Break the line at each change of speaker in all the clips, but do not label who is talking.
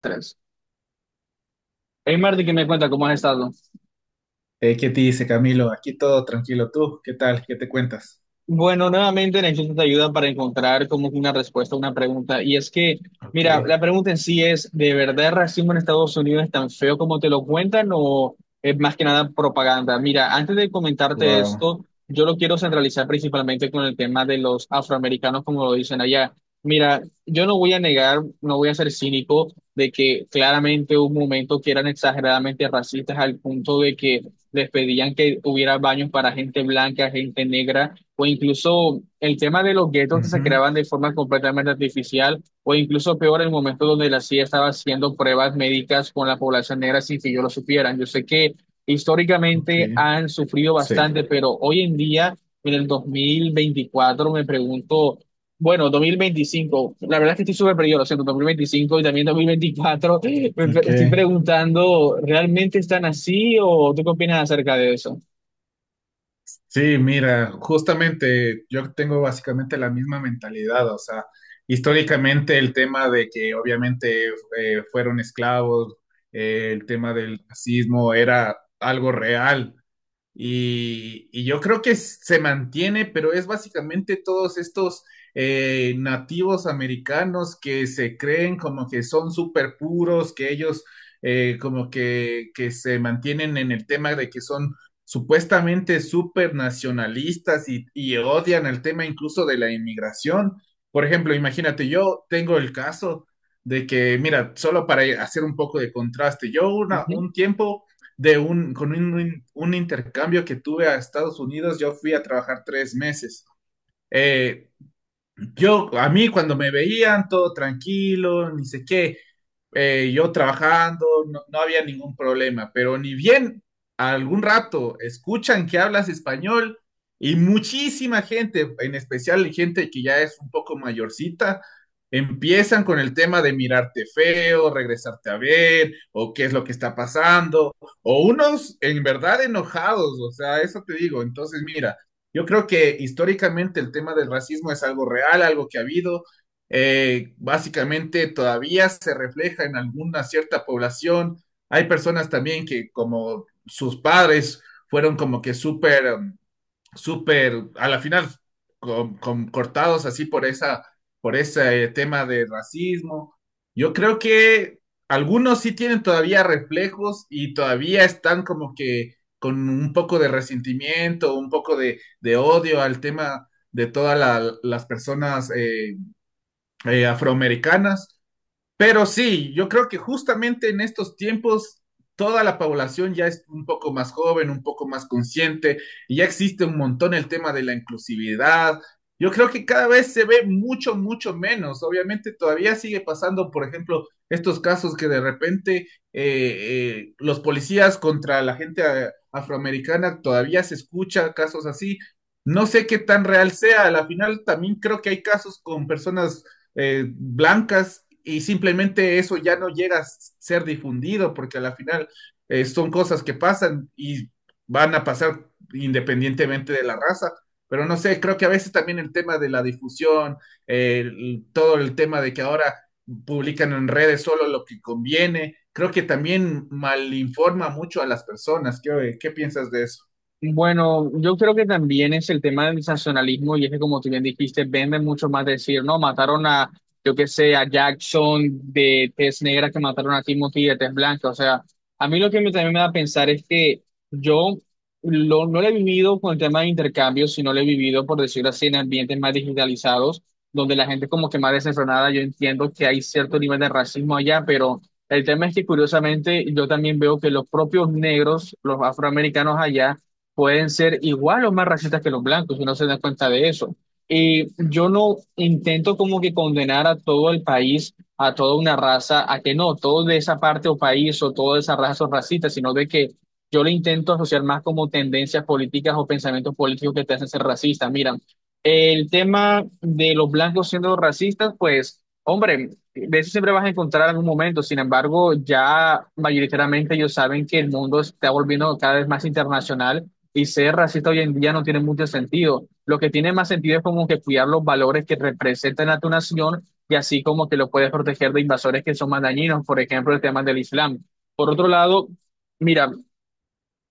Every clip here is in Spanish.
3. Hey Marty, ¿qué me cuenta? ¿Cómo has estado?
¿Qué dice Camilo? Aquí todo tranquilo. ¿Tú qué tal? ¿Qué te cuentas?
Bueno, nuevamente necesito ayuda para encontrar como que una respuesta a una pregunta. Y es que,
Ok.
mira, la pregunta en sí es, ¿de verdad el racismo en Estados Unidos es tan feo como te lo cuentan o es más que nada propaganda? Mira, antes de comentarte
Wow.
esto, yo lo quiero centralizar principalmente con el tema de los afroamericanos, como lo dicen allá. Mira, yo no voy a negar, no voy a ser cínico de que claramente hubo un momento que eran exageradamente racistas al punto de que les pedían que hubiera baños para gente blanca, gente negra o incluso el tema de los guetos que se
Ujú.
creaban de forma completamente artificial, o incluso peor, el momento donde la CIA estaba haciendo pruebas médicas con la población negra sin que yo lo supieran. Yo sé que
Ok.
históricamente han sufrido bastante,
Sí.
pero hoy en día, en el 2024 me pregunto, bueno, 2025 la verdad es que estoy súper perdido, lo siento, 2025 y también 2024
Ok.
estoy preguntando, ¿realmente están así o tú qué opinas acerca de eso?
Sí, mira, justamente yo tengo básicamente la misma mentalidad. O sea, históricamente el tema de que obviamente fueron esclavos, el tema del racismo era algo real. Y yo creo que se mantiene, pero es básicamente todos estos nativos americanos que se creen como que son súper puros, que ellos como que se mantienen en el tema de que son supuestamente súper nacionalistas y odian el tema incluso de la inmigración. Por ejemplo, imagínate, yo tengo el caso de que, mira, solo para hacer un poco de contraste, yo una, un tiempo de un, con un intercambio que tuve a Estados Unidos, yo fui a trabajar tres meses. Eh, a mí cuando me veían todo tranquilo, ni sé qué, yo trabajando, no había ningún problema, pero ni bien algún rato escuchan que hablas español y muchísima gente, en especial gente que ya es un poco mayorcita, empiezan con el tema de mirarte feo, regresarte a ver, o qué es lo que está pasando, o unos en verdad enojados, o sea, eso te digo. Entonces, mira, yo creo que históricamente el tema del racismo es algo real, algo que ha habido, básicamente todavía se refleja en alguna cierta población. Hay personas también que como sus padres fueron como que súper, súper, a la final, cortados así por ese tema de racismo. Yo creo que algunos sí tienen todavía reflejos y todavía están como que con un poco de resentimiento, un poco de odio al tema de todas las personas, afroamericanas. Pero sí, yo creo que justamente en estos tiempos toda la población ya es un poco más joven, un poco más consciente, y ya existe un montón el tema de la inclusividad. Yo creo que cada vez se ve mucho, mucho menos. Obviamente todavía sigue pasando, por ejemplo, estos casos que de repente los policías contra la gente afroamericana todavía se escucha casos así. No sé qué tan real sea. Al final también creo que hay casos con personas blancas y simplemente eso ya no llega a ser difundido porque a la final son cosas que pasan y van a pasar independientemente de la raza. Pero no sé, creo que a veces también el tema de la difusión, todo el tema de que ahora publican en redes solo lo que conviene, creo que también malinforma mucho a las personas. ¿Qué piensas de eso?
Bueno, yo creo que también es el tema del sensacionalismo y es que como tú bien dijiste, venden mucho más decir, no, mataron a, yo qué sé, a Jackson de tez negra que mataron a Timothy de tez blanca. O sea, a mí lo que también me da a pensar es que yo no lo he vivido con el tema de intercambios, sino lo he vivido, por decirlo así, en ambientes más digitalizados, donde la gente como que más desenfrenada. Yo entiendo que hay cierto nivel de racismo allá, pero... El tema es que curiosamente yo también veo que los propios negros, los afroamericanos allá, pueden ser igual o más racistas que los blancos, y no se dan cuenta de eso. Y yo no intento como que condenar a todo el país, a toda una raza, a que no, todo de esa parte o país o toda esa raza son racistas, sino de que yo lo intento asociar más como tendencias políticas o pensamientos políticos que te hacen ser racista. Mira, el tema de los blancos siendo racistas, pues, hombre, de eso siempre vas a encontrar algún momento. Sin embargo, ya mayoritariamente ellos saben que el mundo se está volviendo cada vez más internacional y ser racista hoy en día no tiene mucho sentido. Lo que tiene más sentido es como que cuidar los valores que representan a tu nación y así como que lo puedes proteger de invasores que son más dañinos, por ejemplo, el tema del Islam. Por otro lado, mira,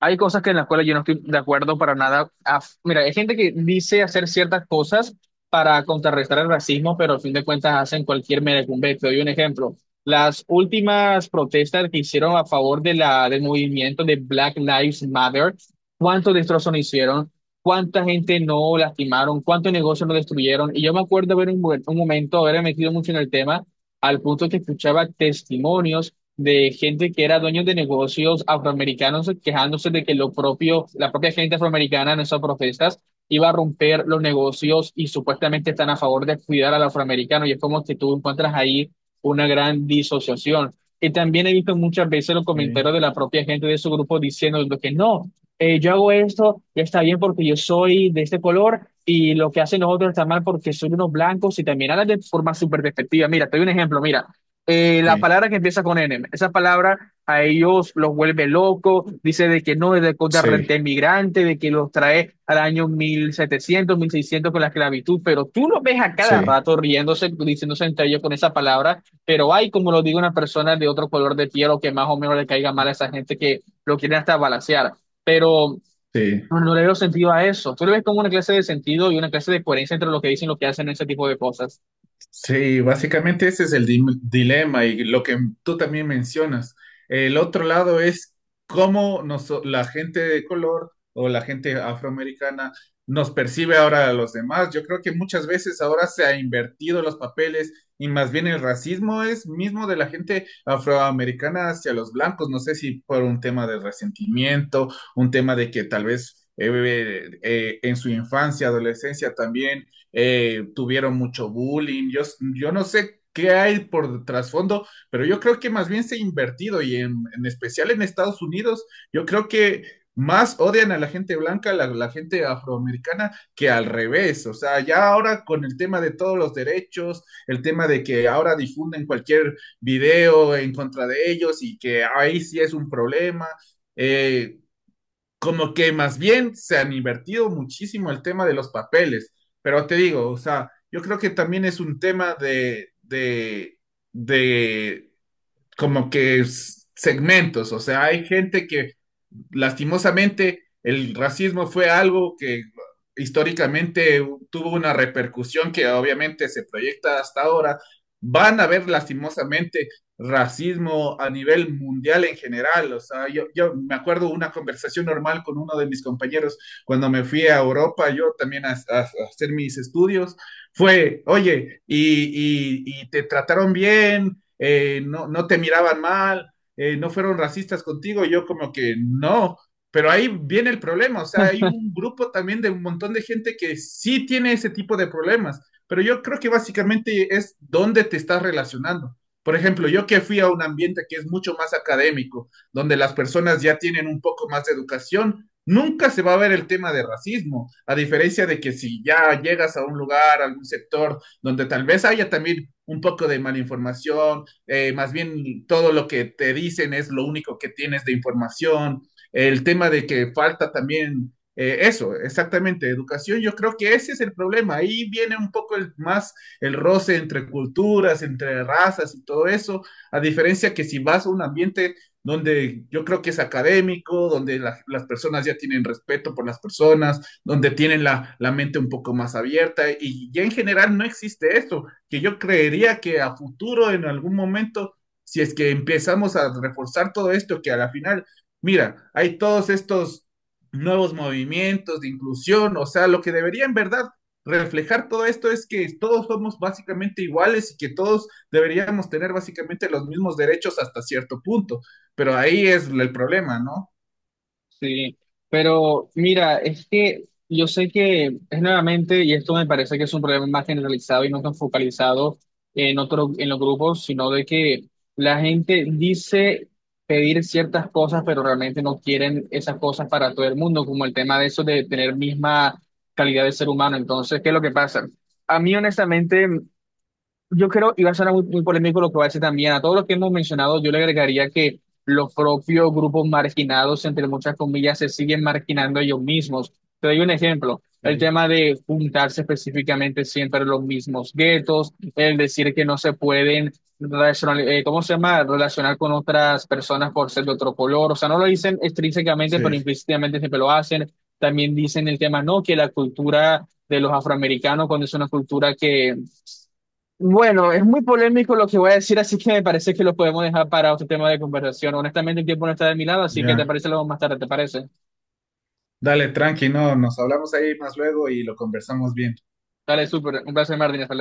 hay cosas que en la escuela yo no estoy de acuerdo para nada. Ah, mira, hay gente que dice hacer ciertas cosas para contrarrestar el racismo, pero al fin de cuentas hacen cualquier merecumbe. Te doy un ejemplo. Las últimas protestas que hicieron a favor de del movimiento de Black Lives Matter, ¿cuántos destrozos no hicieron? ¿Cuánta gente no lastimaron? ¿Cuántos negocios no destruyeron? Y yo me acuerdo haber un momento, haber metido mucho en el tema, al punto que escuchaba testimonios de gente que era dueño de negocios afroamericanos quejándose de que lo propio, la propia gente afroamericana en esas protestas iba a romper los negocios y supuestamente están a favor de cuidar al afroamericano y es como que tú encuentras ahí una gran disociación. Y también he visto muchas veces los
Okay.
comentarios de la propia gente de su grupo diciendo lo que no, yo hago esto y está bien porque yo soy de este color y lo que hacen los otros está mal porque son unos blancos y también hablan de forma súper despectiva. Mira, te doy un ejemplo, mira la palabra que empieza con N, esa palabra a ellos los vuelve locos, dice de que no, es de, de,
Sí,
de migrante, de que los trae al año 1700 1600 con la esclavitud, pero tú los ves a cada
sí,
rato riéndose, diciéndose entre ellos con esa palabra, pero hay, como lo digo, una persona de otro color de piel o que más o menos le caiga mal a esa gente que lo quieren hasta balancear, pero...
sí.
No, no le veo sentido a eso. Tú le ves como una clase de sentido y una clase de coherencia entre lo que dicen y lo que hacen en ese tipo de cosas.
Sí, básicamente ese es el dilema y lo que tú también mencionas. El otro lado es cómo nos, la gente de color o la gente afroamericana nos percibe ahora a los demás. Yo creo que muchas veces ahora se ha invertido los papeles y más bien el racismo es mismo de la gente afroamericana hacia los blancos. No sé si por un tema de resentimiento, un tema de que tal vez, en su infancia, adolescencia también tuvieron mucho bullying. Yo no sé qué hay por trasfondo, pero yo creo que más bien se ha invertido y en especial en Estados Unidos, yo creo que más odian a la gente blanca, a la gente afroamericana, que al revés. O sea, ya ahora con el tema de todos los derechos, el tema de que ahora difunden cualquier video en contra de ellos y que ahí sí es un problema. Eh, Como que más bien se han invertido muchísimo el tema de los papeles, pero te digo, o sea, yo creo que también es un tema de como que segmentos, o sea, hay gente que lastimosamente el racismo fue algo que históricamente tuvo una repercusión que obviamente se proyecta hasta ahora. Van a haber lastimosamente racismo a nivel mundial en general, o sea, yo me acuerdo una conversación normal con uno de mis compañeros cuando me fui a Europa, yo también a hacer mis estudios, fue, oye, y te trataron bien, no, no te miraban mal, no fueron racistas contigo, yo como que no, pero ahí viene el problema, o sea, hay un grupo también de un montón de gente que sí tiene ese tipo de problemas, pero yo creo que básicamente es dónde te estás relacionando. Por ejemplo, yo que fui a un ambiente que es mucho más académico, donde las personas ya tienen un poco más de educación, nunca se va a ver el tema de racismo, a diferencia de que si ya llegas a un lugar, a algún sector, donde tal vez haya también un poco de malinformación, más bien todo lo que te dicen es lo único que tienes de información, el tema de que falta también eso, exactamente, educación, yo creo que ese es el problema, ahí viene un poco más el roce entre culturas, entre razas y todo eso, a diferencia que si vas a un ambiente donde yo creo que es académico, donde la, las personas ya tienen respeto por las personas, donde tienen la mente un poco más abierta y ya en general no existe esto que yo creería que a futuro, en algún momento, si es que empezamos a reforzar todo esto, que a la final, mira, hay todos estos nuevos movimientos de inclusión, o sea, lo que debería en verdad reflejar todo esto es que todos somos básicamente iguales y que todos deberíamos tener básicamente los mismos derechos hasta cierto punto, pero ahí es el problema, ¿no?
Sí, pero mira, es que yo sé que es nuevamente, y esto me parece que es un problema más generalizado y no tan focalizado en otro, en los grupos, sino de que la gente dice pedir ciertas cosas, pero realmente no quieren esas cosas para todo el mundo, como el tema de eso de tener misma calidad de ser humano. Entonces, ¿qué es lo que pasa? A mí, honestamente, yo creo, y va a sonar muy, muy polémico lo que va a decir también, a todos los que hemos mencionado, yo le agregaría que los propios grupos marginados, entre muchas comillas, se siguen marginando ellos mismos. Te doy un ejemplo, el
Sí,
tema de juntarse específicamente siempre en los mismos guetos, el decir que no se pueden relacionar, ¿cómo se llama? Relacionar con otras personas por ser de otro color, o sea, no lo dicen extrínsecamente, pero
sí,
implícitamente siempre lo hacen. También dicen el tema, no, que la cultura de los afroamericanos, cuando es una cultura que bueno, es muy polémico lo que voy a decir, así que me parece que lo podemos dejar para otro tema de conversación. Honestamente, el tiempo no está de mi lado, así que te
ya.
parece luego más tarde, ¿te parece?
Dale, tranqui, no, nos hablamos ahí más luego y lo conversamos bien.
Dale, súper. Un placer, Martín. Hasta